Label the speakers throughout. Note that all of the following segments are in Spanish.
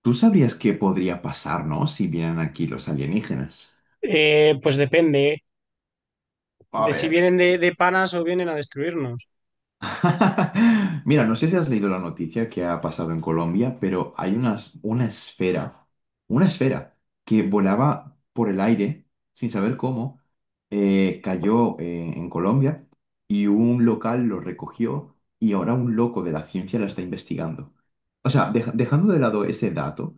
Speaker 1: ¿Tú sabrías qué podría pasarnos si vienen aquí los alienígenas?
Speaker 2: Pues depende, ¿eh?
Speaker 1: A
Speaker 2: De si
Speaker 1: ver,
Speaker 2: vienen de panas o vienen a destruirnos.
Speaker 1: mira, no sé si has leído la noticia que ha pasado en Colombia, pero hay una esfera que volaba por el aire sin saber cómo, cayó en Colombia y un local lo recogió y ahora un loco de la ciencia la está investigando. O sea, dejando de lado ese dato,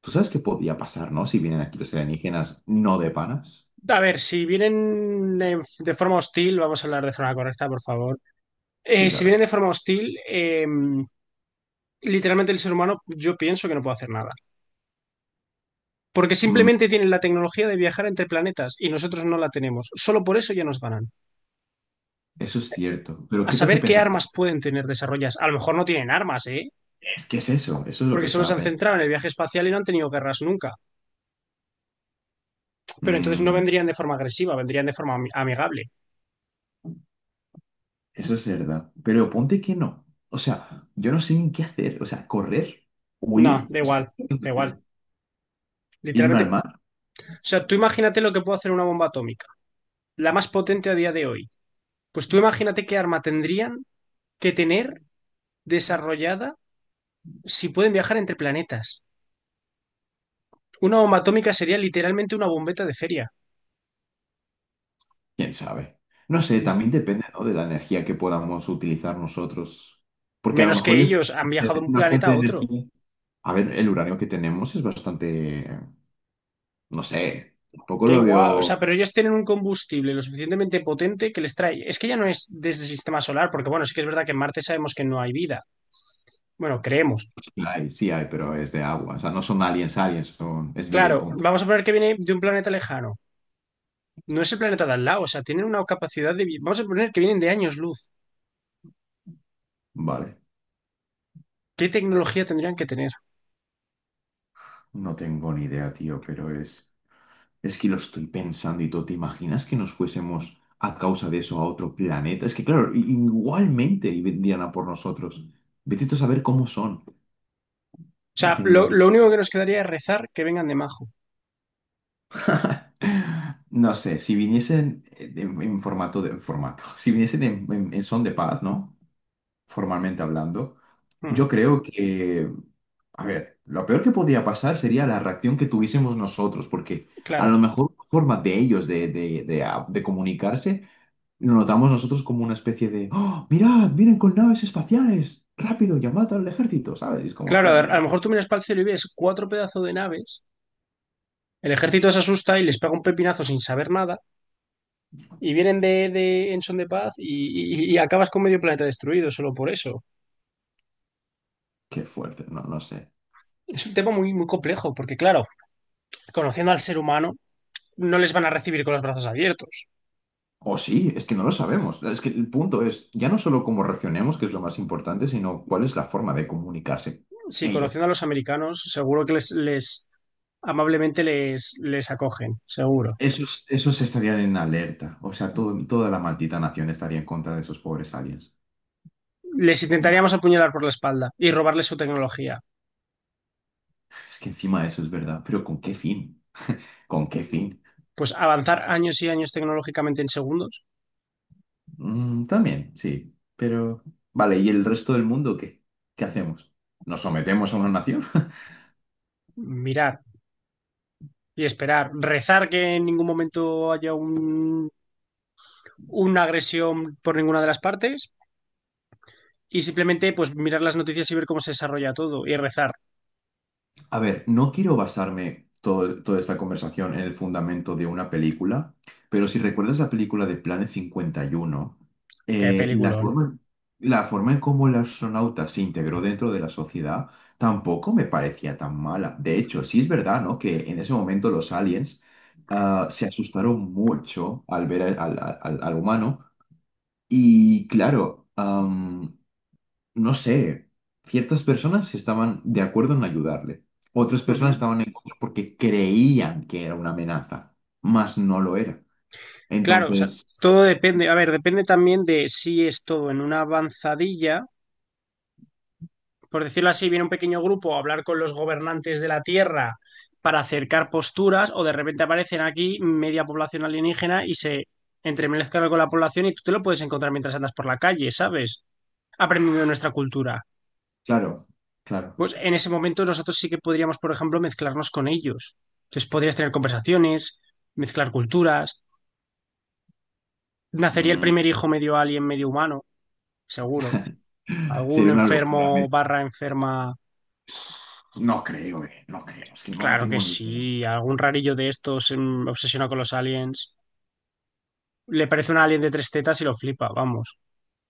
Speaker 1: ¿tú sabes qué podría pasar, no? Si vienen aquí los alienígenas no de panas.
Speaker 2: A ver, si vienen de forma hostil, vamos a hablar de forma correcta, por favor.
Speaker 1: Sí,
Speaker 2: Si
Speaker 1: claro.
Speaker 2: vienen de forma hostil, literalmente el ser humano yo pienso que no puede hacer nada. Porque
Speaker 1: Mm,
Speaker 2: simplemente tienen la tecnología de viajar entre planetas y nosotros no la tenemos. Solo por eso ya nos ganan.
Speaker 1: eso es cierto. Pero
Speaker 2: A
Speaker 1: ¿qué te hace
Speaker 2: saber qué
Speaker 1: pensar?
Speaker 2: armas pueden tener desarrollas. A lo mejor no tienen armas, ¿eh?
Speaker 1: Es que es eso, eso es lo que
Speaker 2: Porque solo
Speaker 1: estaba
Speaker 2: se han
Speaker 1: pensando.
Speaker 2: centrado en el viaje espacial y no han tenido guerras nunca. Pero entonces no
Speaker 1: Mm,
Speaker 2: vendrían de forma agresiva, vendrían de forma amigable.
Speaker 1: eso es verdad. Pero ponte que no. O sea, yo no sé ni qué hacer. O sea, correr,
Speaker 2: No,
Speaker 1: huir,
Speaker 2: da
Speaker 1: o sea,
Speaker 2: igual, da igual.
Speaker 1: irme al
Speaker 2: Literalmente,
Speaker 1: mar,
Speaker 2: o sea, tú imagínate lo que puede hacer una bomba atómica, la más potente a día de hoy. Pues tú imagínate qué arma tendrían que tener desarrollada si pueden viajar entre planetas. Una bomba atómica sería literalmente una bombeta de feria,
Speaker 1: quién sabe. No sé, también depende, ¿no?, de la energía que podamos utilizar nosotros. Porque a lo
Speaker 2: menos
Speaker 1: mejor
Speaker 2: que
Speaker 1: yo estoy
Speaker 2: ellos han
Speaker 1: en
Speaker 2: viajado de un
Speaker 1: una
Speaker 2: planeta
Speaker 1: fuente
Speaker 2: a
Speaker 1: de
Speaker 2: otro.
Speaker 1: energía. A ver, el uranio que tenemos es bastante, no sé, tampoco
Speaker 2: Da
Speaker 1: lo
Speaker 2: igual, o
Speaker 1: veo.
Speaker 2: sea, pero ellos tienen un combustible lo suficientemente potente que les trae. Es que ya no es desde el sistema solar, porque bueno, sí que es verdad que en Marte sabemos que no hay vida. Bueno, creemos.
Speaker 1: Sí hay, pero es de agua. O sea, no son aliens, aliens, son, es vida y
Speaker 2: Claro,
Speaker 1: punto.
Speaker 2: vamos a poner que viene de un planeta lejano. No es el planeta de al lado, o sea, tienen una capacidad de... Vamos a poner que vienen de años luz.
Speaker 1: Vale,
Speaker 2: ¿Qué tecnología tendrían que tener?
Speaker 1: no tengo ni idea, tío, pero es... Es que lo estoy pensando y todo. ¿Te imaginas que nos fuésemos a causa de eso a otro planeta? Es que, claro, igualmente y vendrían a por nosotros. Vete tú a saber cómo son.
Speaker 2: O
Speaker 1: No
Speaker 2: sea,
Speaker 1: tengo
Speaker 2: lo,
Speaker 1: ni...
Speaker 2: lo único que nos quedaría es rezar que vengan de Majo.
Speaker 1: No sé, si viniesen en formato de... en formato. Si viniesen en son de paz, ¿no? Formalmente hablando,
Speaker 2: Hmm,
Speaker 1: yo creo que... A ver, lo peor que podía pasar sería la reacción que tuviésemos nosotros, porque a lo
Speaker 2: claro.
Speaker 1: mejor la forma de ellos de comunicarse lo notamos nosotros como una especie de, ¡oh, mirad, vienen con naves espaciales! ¡Rápido, llamad al ejército! ¿Sabes? Y es como,
Speaker 2: Claro, a ver, a lo
Speaker 1: ¡boom!
Speaker 2: mejor tú miras para el cielo y ves cuatro pedazos de naves, el ejército se asusta y les pega un pepinazo sin saber nada, y vienen de en son de paz y, y acabas con medio planeta destruido solo por eso.
Speaker 1: ¡Qué fuerte! No, no sé.
Speaker 2: Es un tema muy, muy complejo, porque claro, conociendo al ser humano, no les van a recibir con los brazos abiertos.
Speaker 1: O sí, es que no lo sabemos. Es que el punto es ya no solo cómo reaccionemos, que es lo más importante, sino cuál es la forma de comunicarse
Speaker 2: Sí,
Speaker 1: ellos.
Speaker 2: conociendo a los americanos, seguro que les amablemente les acogen, seguro.
Speaker 1: Esos, esos estarían en alerta. O sea, toda la maldita nación estaría en contra de esos pobres aliens.
Speaker 2: Les intentaríamos
Speaker 1: Nah.
Speaker 2: apuñalar por la espalda y robarles su tecnología.
Speaker 1: Es que encima eso es verdad, pero ¿con qué fin? ¿Con qué fin?
Speaker 2: Pues avanzar años y años tecnológicamente en segundos,
Speaker 1: Mm, también, sí, pero... Vale, ¿y el resto del mundo qué? ¿Qué hacemos? ¿Nos sometemos a una nación?
Speaker 2: mirar y esperar, rezar que en ningún momento haya un, una agresión por ninguna de las partes y simplemente pues mirar las noticias y ver cómo se desarrolla todo y rezar.
Speaker 1: A ver, no quiero basarme toda esta conversación en el fundamento de una película, pero si recuerdas la película de Planet 51,
Speaker 2: Qué
Speaker 1: eh, la
Speaker 2: peliculón.
Speaker 1: forma, la forma en cómo el astronauta se integró dentro de la sociedad tampoco me parecía tan mala. De hecho, sí es verdad, ¿no?, que en ese momento los aliens, ah, se asustaron mucho al ver al humano y claro, no sé, ciertas personas estaban de acuerdo en ayudarle, otras personas
Speaker 2: Ujú.
Speaker 1: estaban en contra porque creían que era una amenaza, mas no lo era.
Speaker 2: Claro, o sea,
Speaker 1: Entonces,
Speaker 2: todo depende, a ver, depende también de si es todo en una avanzadilla por decirlo así, viene un pequeño grupo a hablar con los gobernantes de la Tierra para acercar posturas, o de repente aparecen aquí media población alienígena y se entremezclan con la población y tú te lo puedes encontrar mientras andas por la calle, ¿sabes? Aprendiendo de nuestra cultura.
Speaker 1: claro, claro,
Speaker 2: Pues en ese momento nosotros sí que podríamos, por ejemplo, mezclarnos con ellos. Entonces podrías tener conversaciones, mezclar culturas. Nacería el
Speaker 1: mm,
Speaker 2: primer hijo medio alien, medio humano, seguro. Algún
Speaker 1: sería una locura.
Speaker 2: enfermo barra enferma.
Speaker 1: No creo, no creo, es que no, no
Speaker 2: Claro que
Speaker 1: tengo ni idea.
Speaker 2: sí, algún rarillo de estos obsesionado con los aliens. Le parece un alien de tres tetas y lo flipa, vamos.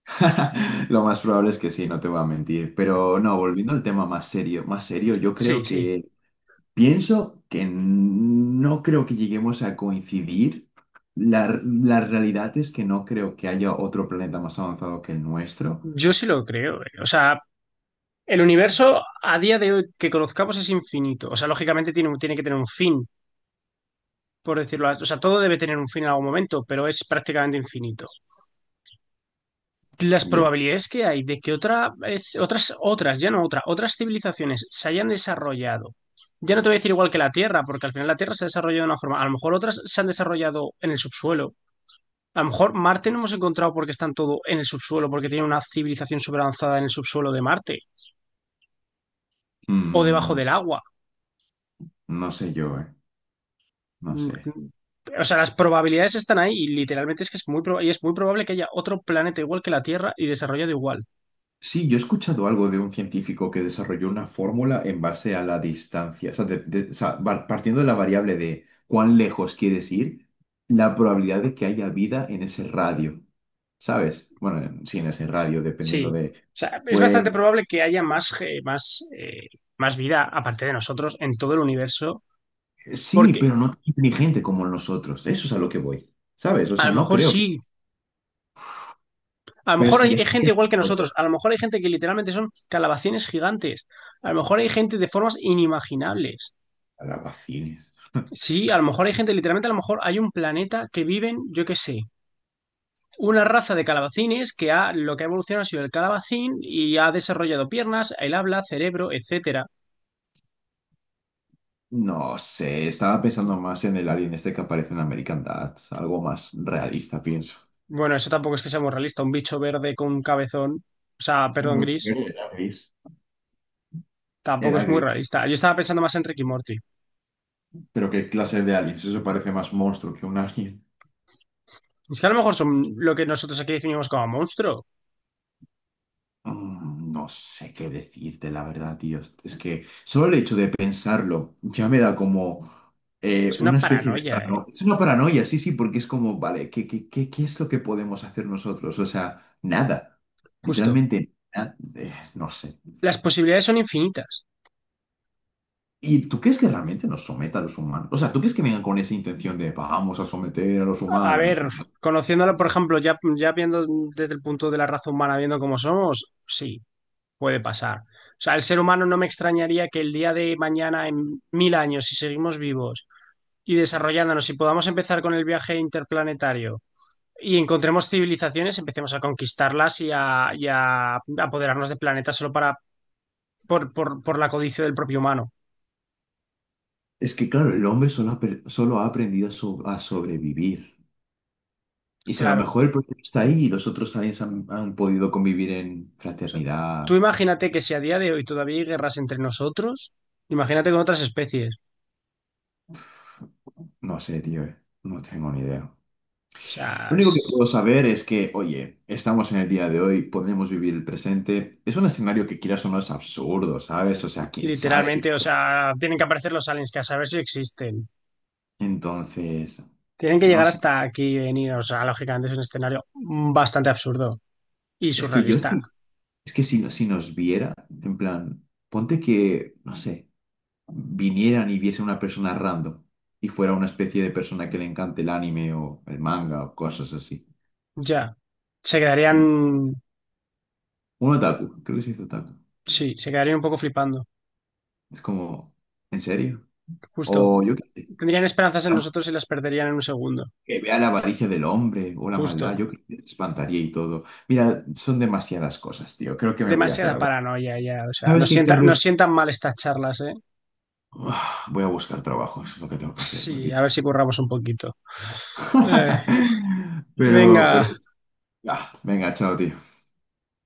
Speaker 1: Lo más probable es que sí, no te voy a mentir, pero no, volviendo al tema más serio, yo
Speaker 2: Sí,
Speaker 1: creo
Speaker 2: sí.
Speaker 1: que... Pienso que no creo que lleguemos a coincidir. La realidad es que no creo que haya otro planeta más avanzado que el nuestro.
Speaker 2: Yo sí lo creo, eh. O sea, el universo a día de hoy que conozcamos es infinito. O sea, lógicamente tiene, tiene que tener un fin, por decirlo así. O sea, todo debe tener un fin en algún momento, pero es prácticamente infinito. Las
Speaker 1: Ya.
Speaker 2: probabilidades que hay de que otras, ya no otra, otras civilizaciones se hayan desarrollado ya no te voy a decir igual que la Tierra, porque al final la Tierra se ha desarrollado de una forma. A lo mejor otras se han desarrollado en el subsuelo. A lo mejor Marte no hemos encontrado porque están todo en el subsuelo, porque tiene una civilización súper avanzada en el subsuelo de Marte o debajo
Speaker 1: Mm,
Speaker 2: del agua.
Speaker 1: no sé yo, ¿eh? No
Speaker 2: Mm,
Speaker 1: sé.
Speaker 2: mm. O sea, las probabilidades están ahí y literalmente es que es muy, y es muy probable que haya otro planeta igual que la Tierra y desarrollado igual.
Speaker 1: Sí, yo he escuchado algo de un científico que desarrolló una fórmula en base a la distancia. O sea, o sea, partiendo de la variable de cuán lejos quieres ir, la probabilidad de que haya vida en ese radio. ¿Sabes? Bueno, sí, en ese radio, dependiendo
Speaker 2: Sí.
Speaker 1: de...
Speaker 2: O sea, es bastante
Speaker 1: Pues
Speaker 2: probable que haya más, más, más vida aparte de nosotros en todo el universo,
Speaker 1: sí,
Speaker 2: porque
Speaker 1: pero no tan inteligente como nosotros. Eso es a lo que voy. ¿Sabes? O
Speaker 2: a lo
Speaker 1: sea, no
Speaker 2: mejor
Speaker 1: creo que...
Speaker 2: sí, a lo
Speaker 1: Pero es
Speaker 2: mejor
Speaker 1: que
Speaker 2: hay,
Speaker 1: ya
Speaker 2: hay gente
Speaker 1: estuvieron
Speaker 2: igual que nosotros,
Speaker 1: nosotros.
Speaker 2: a lo mejor hay gente que literalmente son calabacines gigantes, a lo mejor hay gente de formas inimaginables.
Speaker 1: Calabacines.
Speaker 2: Sí, a lo mejor hay gente, literalmente a lo mejor hay un planeta que viven, yo qué sé, una raza de calabacines que ha, lo que ha evolucionado ha sido el calabacín y ha desarrollado piernas, el habla, cerebro, etcétera.
Speaker 1: No sé, estaba pensando más en el alien este que aparece en American Dad. Algo más realista, pienso.
Speaker 2: Bueno, eso tampoco es que sea muy realista, un bicho verde con un cabezón, o sea, perdón,
Speaker 1: Bueno,
Speaker 2: gris,
Speaker 1: era gris.
Speaker 2: tampoco
Speaker 1: Era
Speaker 2: es muy
Speaker 1: gris.
Speaker 2: realista. Yo estaba pensando más en Rick y Morty.
Speaker 1: Pero ¿qué clase de aliens? Eso parece más monstruo que un alien.
Speaker 2: Es que a lo mejor son lo que nosotros aquí definimos como monstruo.
Speaker 1: Mm, no sé qué decirte, la verdad, tío. Es que solo el hecho de pensarlo ya me da como
Speaker 2: Es
Speaker 1: una
Speaker 2: una
Speaker 1: especie de
Speaker 2: paranoia, eh.
Speaker 1: paranoia. Es una paranoia, sí, sí, porque es como, vale, ¿ qué es lo que podemos hacer nosotros? O sea, nada.
Speaker 2: Justo.
Speaker 1: Literalmente, nada. No sé.
Speaker 2: Las posibilidades son infinitas.
Speaker 1: ¿Y tú crees que realmente nos someta a los humanos? O sea, ¿tú crees que vengan con esa intención de vamos a someter a los
Speaker 2: A
Speaker 1: humanos?
Speaker 2: ver,
Speaker 1: O sea,
Speaker 2: conociéndolo, por ejemplo, ya, ya viendo desde el punto de la raza humana, viendo cómo somos, sí, puede pasar. O sea, el ser humano no me extrañaría que el día de mañana, en 1000 años, si seguimos vivos y desarrollándonos, si podamos empezar con el viaje interplanetario y encontremos civilizaciones, empecemos a conquistarlas y a apoderarnos de planetas solo para, por la codicia del propio humano.
Speaker 1: es que, claro, el hombre solo ha aprendido a sobrevivir. Y si a lo
Speaker 2: Claro. O
Speaker 1: mejor el proyecto está ahí y los otros aliens han podido convivir en
Speaker 2: sea,
Speaker 1: fraternidad,
Speaker 2: tú imagínate que si a día de hoy todavía hay guerras entre nosotros, imagínate con otras especies.
Speaker 1: no sé, tío, eh. No tengo ni idea.
Speaker 2: O sea,
Speaker 1: Lo único que puedo saber es que, oye, estamos en el día de hoy, podemos vivir el presente. Es un escenario que, quieras o no, es absurdo, ¿sabes? O sea, quién sabe si
Speaker 2: literalmente, o
Speaker 1: puede.
Speaker 2: sea, tienen que aparecer los aliens, que a saber si existen.
Speaker 1: Entonces,
Speaker 2: Tienen que
Speaker 1: no
Speaker 2: llegar
Speaker 1: sé.
Speaker 2: hasta aquí y venir. O sea, lógicamente es un escenario bastante absurdo y
Speaker 1: Es que yo
Speaker 2: surrealista.
Speaker 1: sí, es que si nos viera, en plan, ponte que, no sé, vinieran y viese una persona random y fuera una especie de persona que le encante el anime o el manga o cosas así.
Speaker 2: Ya. Se
Speaker 1: No.
Speaker 2: quedarían.
Speaker 1: Un otaku, creo que se dice otaku.
Speaker 2: Sí, se quedarían un poco flipando.
Speaker 1: Es como, ¿en serio?
Speaker 2: Justo.
Speaker 1: O yo
Speaker 2: Tendrían esperanzas en nosotros y las perderían en un segundo.
Speaker 1: que vea la avaricia del hombre o la maldad,
Speaker 2: Justo.
Speaker 1: yo creo que te espantaría y todo. Mira, son demasiadas cosas, tío. Creo que me voy a hacer
Speaker 2: Demasiada
Speaker 1: algo.
Speaker 2: paranoia ya. O sea,
Speaker 1: ¿Sabes
Speaker 2: nos
Speaker 1: qué,
Speaker 2: sienta, nos
Speaker 1: Carlos?
Speaker 2: sientan mal estas charlas, ¿eh?
Speaker 1: Uf, voy a buscar trabajo, eso es lo que tengo que hacer,
Speaker 2: Sí, a ver
Speaker 1: maldito.
Speaker 2: si curramos un poquito. Eh, venga.
Speaker 1: Pero, pero, venga, chao, tío.